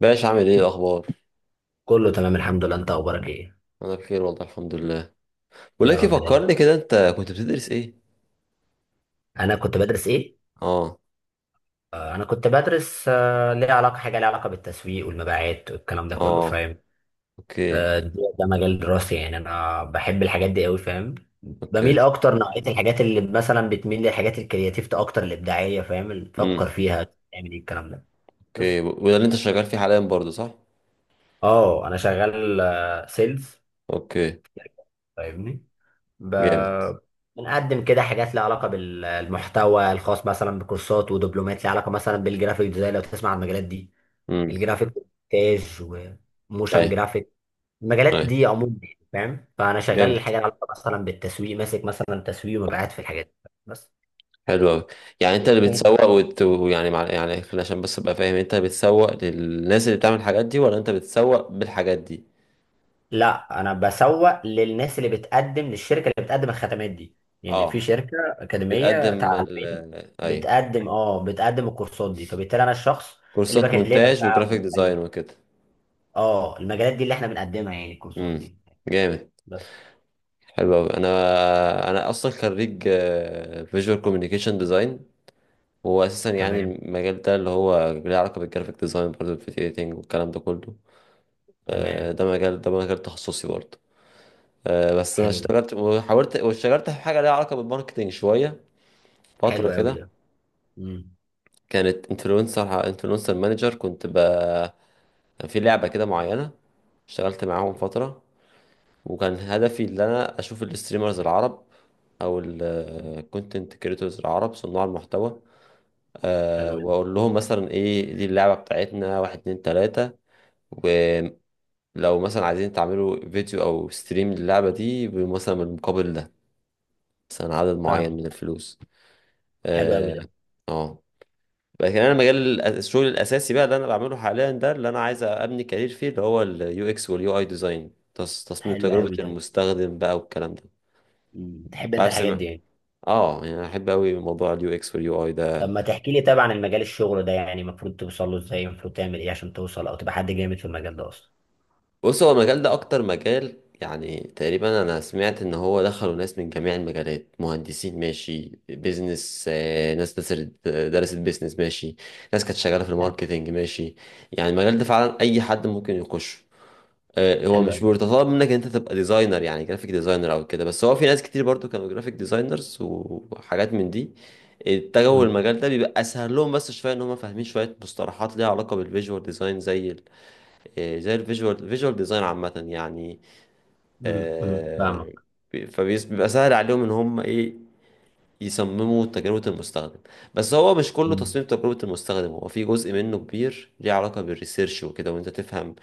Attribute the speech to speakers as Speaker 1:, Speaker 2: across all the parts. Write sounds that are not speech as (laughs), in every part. Speaker 1: باش عامل ايه الاخبار؟
Speaker 2: كله تمام الحمد لله، انت اخبارك ايه؟
Speaker 1: انا بخير والله الحمد لله. بقول
Speaker 2: يا
Speaker 1: لك إيه،
Speaker 2: رب دايما.
Speaker 1: فكرني كده انت كنت بتدرس ايه؟
Speaker 2: انا كنت بدرس ايه؟
Speaker 1: اه.
Speaker 2: انا كنت بدرس ليه علاقه، حاجه ليها علاقه بالتسويق والمبيعات والكلام ده كله،
Speaker 1: اه.
Speaker 2: فاهم؟
Speaker 1: اوكي.
Speaker 2: آه، ده مجال دراستي، يعني انا بحب الحاجات دي قوي، فاهم؟ بميل
Speaker 1: اوكي.
Speaker 2: اكتر نوعيه الحاجات اللي مثلا بتميل للحاجات الكرياتيف اكتر، الابداعيه، فاهم اللي
Speaker 1: امم.
Speaker 2: تفكر فيها تعمل ايه الكلام ده.
Speaker 1: اوكي،
Speaker 2: بس
Speaker 1: وده اللي انت شغال فيه حاليا برضه صح؟
Speaker 2: اه انا شغال سيلز،
Speaker 1: اوكي
Speaker 2: فاهمني؟
Speaker 1: جامد.
Speaker 2: ب- بنقدم كده حاجات لها علاقة بالمحتوى الخاص مثلا بكورسات ودبلومات، لها علاقة مثلا بالجرافيك ديزاين، لو تسمع عن المجالات دي،
Speaker 1: امم.
Speaker 2: الجرافيك، مونتاج وموشن
Speaker 1: ايوه،
Speaker 2: جرافيك، المجالات
Speaker 1: ايوه.
Speaker 2: دي عموما يعني، فاهم؟ فأنا شغال
Speaker 1: جامد.
Speaker 2: الحاجة لها علاقة مثلا بالتسويق، ماسك مثلا تسويق ومبيعات في الحاجات دي بس.
Speaker 1: حلو قوي. يعني انت اللي بتسوق وت... يعني مع... يعني خلينا عشان بس ابقى فاهم، انت بتسوق للناس اللي بتعمل الحاجات دي ولا انت بتسوق بالحاجات دي؟
Speaker 2: لا انا بسوق للناس اللي بتقدم للشركه، اللي بتقدم الخدمات دي. يعني في
Speaker 1: اه.
Speaker 2: شركه اكاديميه
Speaker 1: بتقدم
Speaker 2: تعليميه
Speaker 1: ال... ايوه.
Speaker 2: بتقدم اه بتقدم الكورسات دي، فبالتالي انا الشخص اللي
Speaker 1: كورسات
Speaker 2: بكلمك
Speaker 1: مونتاج
Speaker 2: بقى
Speaker 1: وجرافيك ديزاين وكده.
Speaker 2: اه المجالات دي اللي احنا بنقدمها، يعني الكورسات
Speaker 1: امم.
Speaker 2: دي
Speaker 1: جامد.
Speaker 2: بس.
Speaker 1: حلو أوي. أنا أصلا خريج فيجوال كوميونيكيشن ديزاين. وهو أساسا يعني
Speaker 2: تمام
Speaker 1: المجال ده اللي هو ليه علاقة بالجرافيك ديزاين برضه الفيديو إيديتنج والكلام ده كله.
Speaker 2: تمام.
Speaker 1: ده مجال تخصصي برضه. بس أنا
Speaker 2: حلو،
Speaker 1: اشتغلت وحاولت واشتغلت في حاجة ليها علاقة بالماركتينج شوية، فترة
Speaker 2: حلو قوي
Speaker 1: كده.
Speaker 2: ده. امم.
Speaker 1: كانت انفلونسر، مانجر، كنت ب... كان في لعبة كده معينة، اشتغلت معاهم فترة، وكان هدفي ان انا اشوف الستريمرز العرب او الكونتنت كريتورز العرب، صناع المحتوى. أه،
Speaker 2: حلو جدا.
Speaker 1: واقول لهم مثلا ايه دي اللعبة بتاعتنا، واحد اتنين تلاتة، ولو مثلا عايزين تعملوا فيديو او ستريم للعبة دي، مثلا بالمقابل ده، مثلا عدد معين
Speaker 2: فاهمك.
Speaker 1: من الفلوس.
Speaker 2: حلو قوي
Speaker 1: اه.
Speaker 2: ده.
Speaker 1: آه. لكن انا مجال الشغل الاساسي بقى اللي انا بعمله حاليا ده اللي انا عايز ابني كارير فيه، اللي هو اليو اكس واليو اي ديزاين، تصميم
Speaker 2: حلو
Speaker 1: تجربة
Speaker 2: قوي ده.
Speaker 1: المستخدم بقى والكلام ده.
Speaker 2: مم. بتحب انت
Speaker 1: عارف
Speaker 2: الحاجات
Speaker 1: سمع.
Speaker 2: دي يعني؟
Speaker 1: اه، يعني انا احب قوي موضوع اليو اكس واليو اي
Speaker 2: طب
Speaker 1: ده.
Speaker 2: ما تحكي لي، طبعا المجال الشغل ده يعني المفروض توصل له ازاي؟ المفروض تعمل ايه عشان توصل او تبقى حد جامد في المجال ده اصلا؟
Speaker 1: بص، هو المجال ده اكتر مجال، يعني تقريبا انا سمعت ان هو دخلوا ناس من جميع المجالات، مهندسين ماشي، بيزنس، ناس درست بيزنس ماشي، ناس كانت شغاله في الماركتينج ماشي. يعني المجال ده فعلا اي حد ممكن يخش. هو
Speaker 2: حلو
Speaker 1: مش
Speaker 2: قوي.
Speaker 1: بيتطلب منك ان انت تبقى ديزاينر، يعني جرافيك ديزاينر او كده، بس هو في ناس كتير برضو كانوا جرافيك ديزاينرز وحاجات من دي اتجهوا
Speaker 2: امم
Speaker 1: المجال ده، بيبقى اسهل لهم بس شويه ان هم فاهمين شويه مصطلحات ليها علاقه بالفيجوال ديزاين زي ال... زي الفيجوال ديزاين عامه يعني.
Speaker 2: امم، امم،
Speaker 1: آه،
Speaker 2: فاهمك.
Speaker 1: بيبقى سهل عليهم ان هم ايه، يصمموا تجربة المستخدم. بس هو مش كله
Speaker 2: مم.
Speaker 1: تصميم تجربة المستخدم، هو في جزء منه كبير ليه علاقة بالريسيرش وكده، وانت تفهم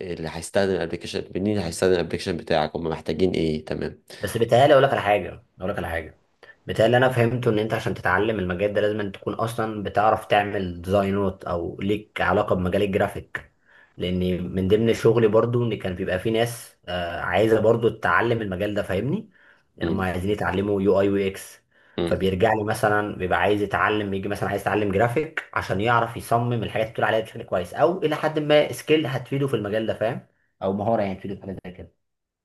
Speaker 1: اللي هيستخدم الابلكيشن منين، هيستخدم الابلكيشن بتاعك، هم محتاجين ايه. تمام.
Speaker 2: بس بيتهيألي اقول لك على حاجه، اقول لك على حاجه، بتاع اللي انا فهمته ان انت عشان تتعلم المجال ده لازم أن تكون اصلا بتعرف تعمل ديزاينات او ليك علاقه بمجال الجرافيك، لان من ضمن شغلي برضو ان كان بيبقى في ناس عايزه برضو تتعلم المجال ده، فاهمني؟ يعني هم
Speaker 1: امم.
Speaker 2: عايزين يتعلموا يو اي يو اكس،
Speaker 1: امم.
Speaker 2: فبيرجع لي مثلا بيبقى عايز يتعلم، يجي مثلا عايز يتعلم جرافيك عشان يعرف يصمم الحاجات اللي بتقول عليها بشكل كويس، او الى حد ما سكيل هتفيده في المجال ده، فاهم؟ او مهاره يعني تفيده في حاجه زي كده،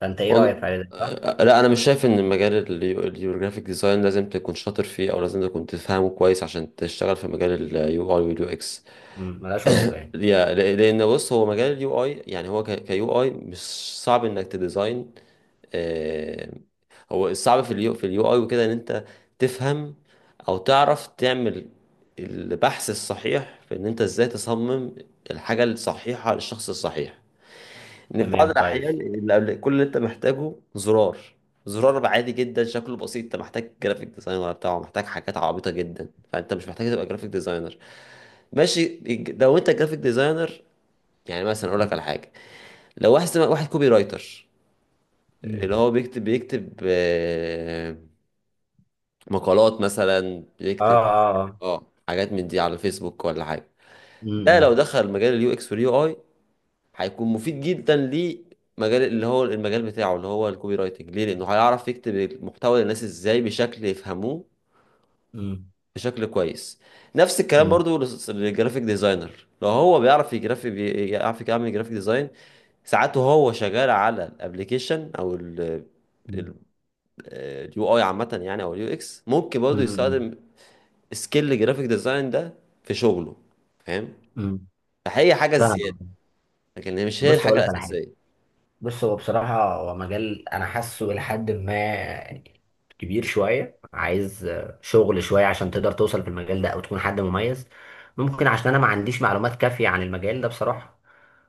Speaker 2: فانت ايه رايك في
Speaker 1: والله،
Speaker 2: حاجه زي كده، صح؟
Speaker 1: لا، انا مش شايف ان مجال اليوروجرافيك ديزاين لازم تكون شاطر فيه او لازم تكون تفهمه كويس عشان تشتغل في مجال اليو اي واليو اكس.
Speaker 2: مم، ملهاش علاقه يعني.
Speaker 1: لان بص، هو مجال اليو اي، يعني هو كيو اي، مش صعب انك تديزاين. آه، هو الصعب في اليو، في اليو اي وكده، ان انت تفهم او تعرف تعمل البحث الصحيح، في ان انت ازاي تصمم الحاجة الصحيحة للشخص الصحيح. ان في بعض
Speaker 2: تمام، كويس.
Speaker 1: الاحيان اللي قبل كل اللي انت محتاجه زرار، عادي جدا شكله بسيط، انت محتاج جرافيك ديزاينر بتاعه محتاج حاجات عبيطة جدا، فانت مش محتاج تبقى جرافيك ديزاينر ماشي. لو انت جرافيك ديزاينر، يعني مثلا اقول لك على حاجة، لو واحد كوبي رايتر، اللي
Speaker 2: مم.
Speaker 1: هو بيكتب، مقالات مثلا،
Speaker 2: اه
Speaker 1: بيكتب
Speaker 2: اه اه.
Speaker 1: اه حاجات من دي على فيسبوك ولا حاجه، ده لو
Speaker 2: مم.
Speaker 1: دخل مجال اليو اكس واليو اي، هيكون مفيد جدا لمجال اللي هو المجال بتاعه اللي هو الكوبي رايتنج، ليه؟ لانه هيعرف يكتب المحتوى للناس ازاي بشكل يفهموه،
Speaker 2: مم.
Speaker 1: بشكل كويس. نفس الكلام
Speaker 2: مم.
Speaker 1: برضو للجرافيك ديزاينر، لو هو بيعرف يجرافي بيعرف يعمل جرافيك ديزاين ساعات وهو شغال على الابليكيشن او
Speaker 2: مم.
Speaker 1: اليو اي عامة يعني او اليو اكس، ممكن برضه
Speaker 2: مم. مم.
Speaker 1: يستخدم سكيل جرافيك ديزاين ده في شغله، فاهم؟
Speaker 2: مم.
Speaker 1: فهي حاجة زيادة،
Speaker 2: فاهم.
Speaker 1: لكن هي مش هي
Speaker 2: بص
Speaker 1: الحاجة
Speaker 2: اقول لك على حاجه،
Speaker 1: الأساسية.
Speaker 2: بص هو بصراحة هو مجال أنا حاسه لحد ما يعني كبير شوية، عايز شغل شوية عشان تقدر توصل في المجال ده أو تكون حد مميز. ممكن عشان أنا ما عنديش معلومات كافية عن المجال ده بصراحة،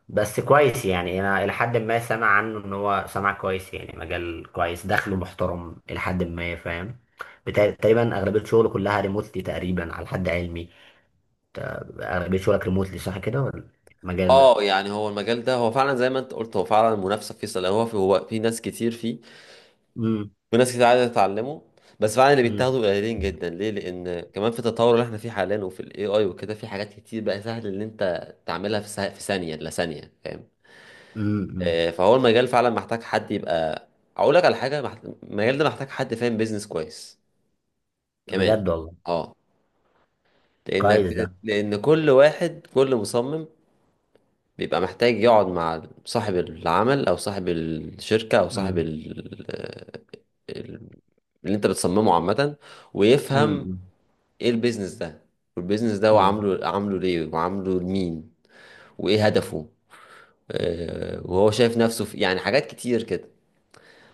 Speaker 2: بس كويس. يعني أنا لحد ما سامع عنه إن هو سامع كويس، يعني مجال كويس، دخله محترم لحد ما، فاهم؟ تقريبا أغلبية شغله كلها ريموتلي تقريبا على حد علمي. أغلبية شغلك ريموتلي صح كده ولا؟ المجال ده؟
Speaker 1: اه، يعني هو المجال ده هو فعلا زي ما انت قلت، هو فعلا المنافسة فيه سلبية، هو في، ناس كتير فيه
Speaker 2: امم
Speaker 1: وناس كتير عايزة تتعلمه، بس فعلا اللي
Speaker 2: امم،
Speaker 1: بيتاخدوا قليلين جدا. ليه؟ لأن كمان في التطور اللي احنا فيه حاليا وفي الاي اي وكده، في حاجات كتير بقى سهل ان انت تعملها في في ثانية، لا ثانية، فاهم؟
Speaker 2: امم امم، امم.
Speaker 1: فهو المجال فعلا محتاج حد يبقى، اقول لك على حاجه، المجال ده محتاج حد فاهم بيزنس كويس كمان.
Speaker 2: بجد والله.
Speaker 1: اه، لانك،
Speaker 2: كويس ده.
Speaker 1: لان كل واحد، كل مصمم بيبقى محتاج يقعد مع صاحب العمل او صاحب الشركه او صاحب
Speaker 2: امم
Speaker 1: ال... ال- اللي انت بتصممه عامه،
Speaker 2: امم،
Speaker 1: ويفهم ايه البيزنس ده، والبيزنس ده هو
Speaker 2: امم،
Speaker 1: عامله، ليه وعامله لمين وايه هدفه،
Speaker 2: امم.
Speaker 1: وهو شايف نفسه في، يعني حاجات كتير كده.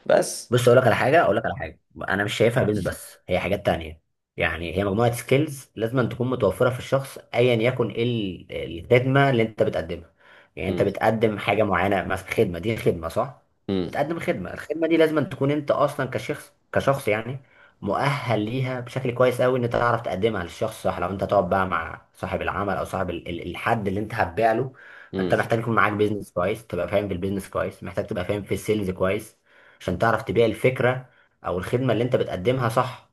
Speaker 1: بس.
Speaker 2: بص اقول لك على حاجه، اقول لك على حاجه، انا مش شايفها قول بيزنس بس، هي حاجات تانية. يعني هي مجموعه سكيلز لازم تكون متوفره في الشخص، ايا يكن ايه الخدمه اللي انت بتقدمها. يعني انت
Speaker 1: مم.
Speaker 2: بتقدم حاجه معينه، مثلا خدمه، دي خدمه صح؟
Speaker 1: مم.
Speaker 2: بتقدم خدمه، الخدمه دي لازم تكون انت اصلا كشخص يعني مؤهل ليها بشكل كويس قوي، ان انت تعرف تقدمها للشخص صح. لو انت تقعد بقى مع صاحب العمل او صاحب الحد اللي انت هتبيع له،
Speaker 1: امم.
Speaker 2: انت محتاج يكون معاك بيزنس كويس، تبقى فاهم في البيزنس كويس، محتاج تبقى فاهم في السيلز كويس عشان تعرف تبيع الفكرة أو الخدمة اللي أنت بتقدمها، صح؟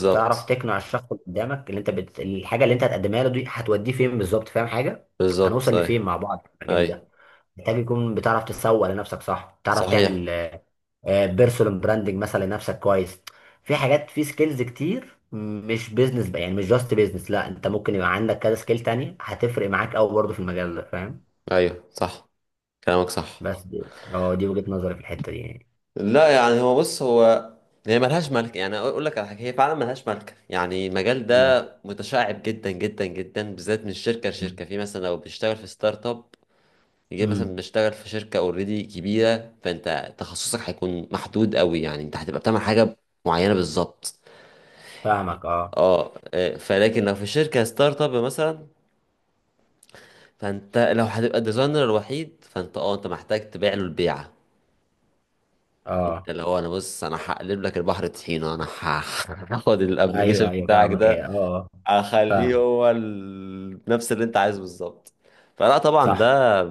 Speaker 2: وتعرف تقنع الشخص اللي قدامك، اللي أنت الحاجة اللي أنت هتقدمها له دي هتوديه فين بالظبط، فاهم حاجة؟
Speaker 1: بالظبط،
Speaker 2: هنوصل
Speaker 1: ايوه.
Speaker 2: لفين مع بعض في المجال ده.
Speaker 1: ايوه،
Speaker 2: محتاج يكون بتعرف تسوق لنفسك صح، تعرف
Speaker 1: صحيح.
Speaker 2: تعمل بيرسونال براندنج مثلا لنفسك كويس. في حاجات، في سكيلز كتير مش بيزنس بقى، يعني مش جاست بيزنس، لا انت ممكن يبقى عندك كذا سكيل تانية هتفرق معاك قوي برضه في المجال ده، فاهم؟
Speaker 1: ايوه، صح، كلامك صح.
Speaker 2: بس دي، اه دي وجهة نظري في الحتة دي يعني.
Speaker 1: لا يعني هو، بص هو، هي ملهاش ملك يعني، اقول لك على حاجه، هي فعلا ملهاش ملك، يعني المجال
Speaker 2: مم.
Speaker 1: ده متشعب جدا جدا جدا، بالذات من شركه
Speaker 2: مم.
Speaker 1: لشركه، في مثلا لو بتشتغل في ستارت اب، يجي مثلا
Speaker 2: مم.
Speaker 1: بتشتغل في شركه اوريدي كبيره، فانت تخصصك هيكون محدود قوي، يعني انت هتبقى بتعمل حاجه معينه بالظبط.
Speaker 2: فاهمك. اه
Speaker 1: اه، فلكن لو في شركه ستارت اب مثلا، فانت لو هتبقى الديزاينر الوحيد، فانت اه انت محتاج تبيع له البيعه، انت
Speaker 2: اه.
Speaker 1: اللي هو انا، بص انا هقلب لك البحر طحينه، انا (laughs) هاخد
Speaker 2: ايوه
Speaker 1: الابلكيشن
Speaker 2: ايوه
Speaker 1: بتاعك
Speaker 2: فاهمك. ايه
Speaker 1: ده،
Speaker 2: اه آه،.
Speaker 1: اخليه
Speaker 2: فاهمك.
Speaker 1: هو ال... نفس اللي انت عايزه بالظبط. فلا طبعا
Speaker 2: صح.
Speaker 1: ده،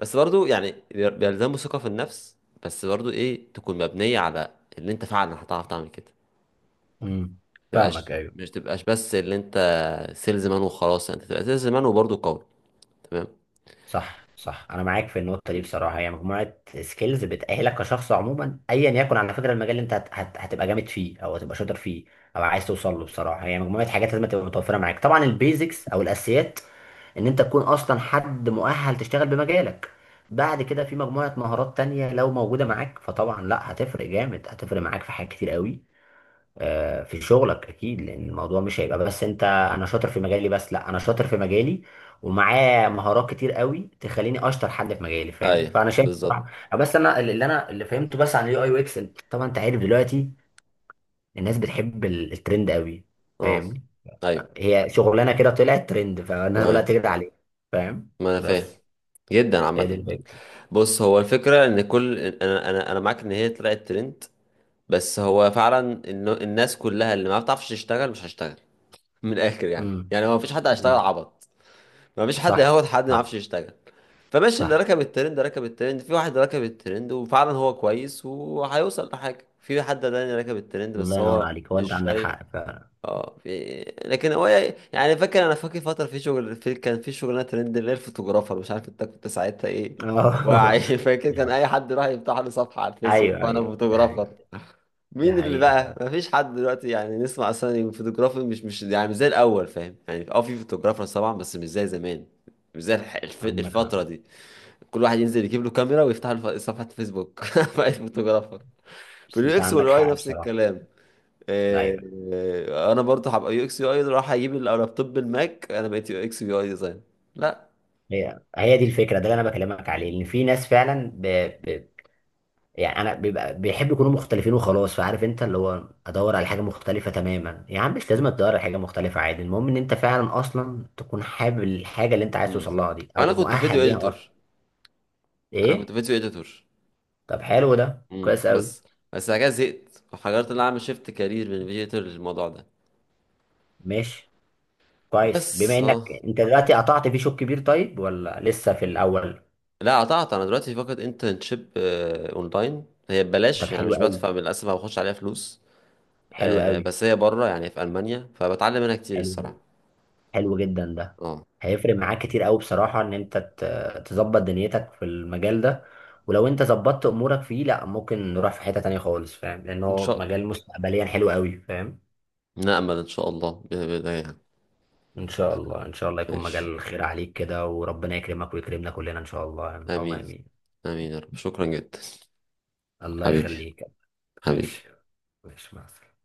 Speaker 1: بس برضو يعني بيلزمه ثقه في النفس، بس برضو ايه، تكون مبنيه على اللي انت فعلا هتعرف تعمل كده،
Speaker 2: امم. فاهمك.
Speaker 1: تبقاش،
Speaker 2: ايوه.
Speaker 1: مش تبقاش بس اللي انت سيلز مان وخلاص، انت تبقى سيلز مان وبرضو قوي. تمام.
Speaker 2: صح صح، انا معاك في النقطه
Speaker 1: م.
Speaker 2: دي بصراحه. هي مجموعه سكيلز بتاهلك كشخص عموما ايا يكن على فكره المجال اللي انت هتبقى جامد فيه او هتبقى شاطر فيه او عايز توصل له. بصراحه هي مجموعه حاجات لازم تبقى متوفره معاك، طبعا البيزكس او الاساسيات ان انت تكون اصلا حد مؤهل تشتغل بمجالك، بعد كده في مجموعه مهارات تانية لو موجوده معاك فطبعا لا هتفرق جامد، هتفرق معاك في حاجات كتير قوي في شغلك اكيد. لان الموضوع مش هيبقى بس انت انا شاطر في مجالي بس، لا انا شاطر في مجالي ومعاه مهارات كتير قوي تخليني اشطر حد في مجالي، فاهم؟
Speaker 1: ايوه.
Speaker 2: فانا شايف
Speaker 1: بالظبط.
Speaker 2: بصراحه. بس انا اللي فهمته بس عن اليو اي يو اكس، طبعا انت عارف دلوقتي الناس بتحب الترند قوي،
Speaker 1: اه.
Speaker 2: فاهم؟
Speaker 1: ايوه.
Speaker 2: هي شغلانه كده طلعت ترند فالناس كلها
Speaker 1: اه،
Speaker 2: تجري عليه، فاهم؟
Speaker 1: ما انا فاهم
Speaker 2: بس
Speaker 1: جدا
Speaker 2: هي دي
Speaker 1: عامة.
Speaker 2: الفكره.
Speaker 1: بص، هو الفكرة ان كل انا معاك ان هي طلعت ترند، بس هو فعلا إن الناس كلها اللي ما بتعرفش تشتغل مش هشتغل. (laughs) من الاخر يعني،
Speaker 2: امم.
Speaker 1: يعني ما فيش حد هيشتغل
Speaker 2: أمم.
Speaker 1: عبط، ما فيش حد
Speaker 2: صح
Speaker 1: هياخد حد ما يعرفش
Speaker 2: صح
Speaker 1: يشتغل. فماشي، اللي
Speaker 2: صح.
Speaker 1: ركب الترند ركب الترند، في واحد ركب الترند وفعلا هو كويس وهيوصل لحاجة، في حد تاني ركب الترند بس
Speaker 2: الله ينور
Speaker 1: هو
Speaker 2: عليك، هو
Speaker 1: مش
Speaker 2: انت عندك
Speaker 1: شايف.
Speaker 2: حق فعلا.
Speaker 1: اه، في، لكن هو، يعني فاكر، انا فاكر فتره في شغل، في كان في شغلانه ترند اللي هي الفوتوغرافر، مش عارف انت كنت ساعتها ايه
Speaker 2: (laughs)
Speaker 1: واعي. (laughs) فاكر كان اي
Speaker 2: آه.
Speaker 1: حد يروح يفتح له صفحه على الفيسبوك
Speaker 2: ايوه
Speaker 1: وانا
Speaker 2: ايوه ده
Speaker 1: فوتوغرافر،
Speaker 2: حقيقة. ده
Speaker 1: مين اللي
Speaker 2: حقيقة
Speaker 1: بقى؟
Speaker 2: فعلا.
Speaker 1: مفيش حد دلوقتي يعني، نسمع اصلا إن الفوتوغرافر مش يعني مش زي الاول، فاهم يعني؟ اه، في فوتوغرافر طبعا بس مش زي زمان، مش زي
Speaker 2: عندك حق.
Speaker 1: الفتره دي، كل واحد ينزل يجيب له كاميرا ويفتح له صفحه فيسبوك (laughs) بقى فوتوغرافر. في
Speaker 2: بس
Speaker 1: اليو
Speaker 2: انت
Speaker 1: اكس
Speaker 2: عندك
Speaker 1: والاي
Speaker 2: حق
Speaker 1: نفس
Speaker 2: بصراحة.
Speaker 1: الكلام. آه،
Speaker 2: ايوه.
Speaker 1: انا برضه هبقى يو اكس يو اي، راح اجيب اللابتوب بالماك، انا بقيت يو اكس يو اي ديزاين، لا.
Speaker 2: هي هي دي الفكرة، ده اللي انا بكلمك عليه، ان في ناس فعلا ب... يعني انا بيبقى بيحب يكونوا مختلفين وخلاص، فعارف انت اللي هو ادور على حاجة مختلفة تماما، يا عم مش لازم تدور على حاجة مختلفة، عادي، المهم ان انت فعلا اصلا تكون حابب الحاجة اللي انت عايز
Speaker 1: امم.
Speaker 2: توصل لها دي
Speaker 1: انا
Speaker 2: او
Speaker 1: كنت فيديو
Speaker 2: مؤهل ليها اصلا.
Speaker 1: اديتور انا كنت
Speaker 2: ايه؟
Speaker 1: فيديو اديتور.
Speaker 2: طب حلو ده،
Speaker 1: امم.
Speaker 2: كويس قوي.
Speaker 1: بس بعد كده زهقت وحاولت ان انا اعمل شيفت كارير من فيديو اديتور للموضوع ده.
Speaker 2: ماشي، كويس
Speaker 1: بس
Speaker 2: بما انك
Speaker 1: اه،
Speaker 2: انت دلوقتي قطعت في شوط كبير، طيب ولا لسه في الاول؟
Speaker 1: لا قطعت، انا دلوقتي فقط انترنشيب اونلاين، هي
Speaker 2: طب
Speaker 1: ببلاش يعني
Speaker 2: حلو
Speaker 1: مش
Speaker 2: قوي،
Speaker 1: بدفع، للاسف ما باخدش عليها فلوس.
Speaker 2: حلو قوي.
Speaker 1: بس هي بره يعني في المانيا، فبتعلم منها كتير الصراحه.
Speaker 2: حلو، حلو جدا ده.
Speaker 1: اه.
Speaker 2: هيفرق معاك كتير قوي بصراحة ان انت تظبط دنيتك في المجال ده، ولو انت ظبطت امورك فيه لا ممكن نروح في حتة تانية خالص، فاهم؟ لان
Speaker 1: ان
Speaker 2: هو
Speaker 1: شاء،
Speaker 2: مجال مستقبليا حلو قوي، فاهم؟
Speaker 1: نأمل ان شاء الله بإذن الله يعني.
Speaker 2: ان شاء الله، ان شاء الله يكون
Speaker 1: ماشي.
Speaker 2: مجال خير عليك كده، وربنا يكرمك ويكرمنا كلنا ان شاء الله، يعني اللهم
Speaker 1: امين.
Speaker 2: امين.
Speaker 1: امين يا رب، شكرا جدا.
Speaker 2: الله
Speaker 1: حبيبي.
Speaker 2: يخليك.
Speaker 1: حبيبي.
Speaker 2: ماشي. ماشي مع السلامة.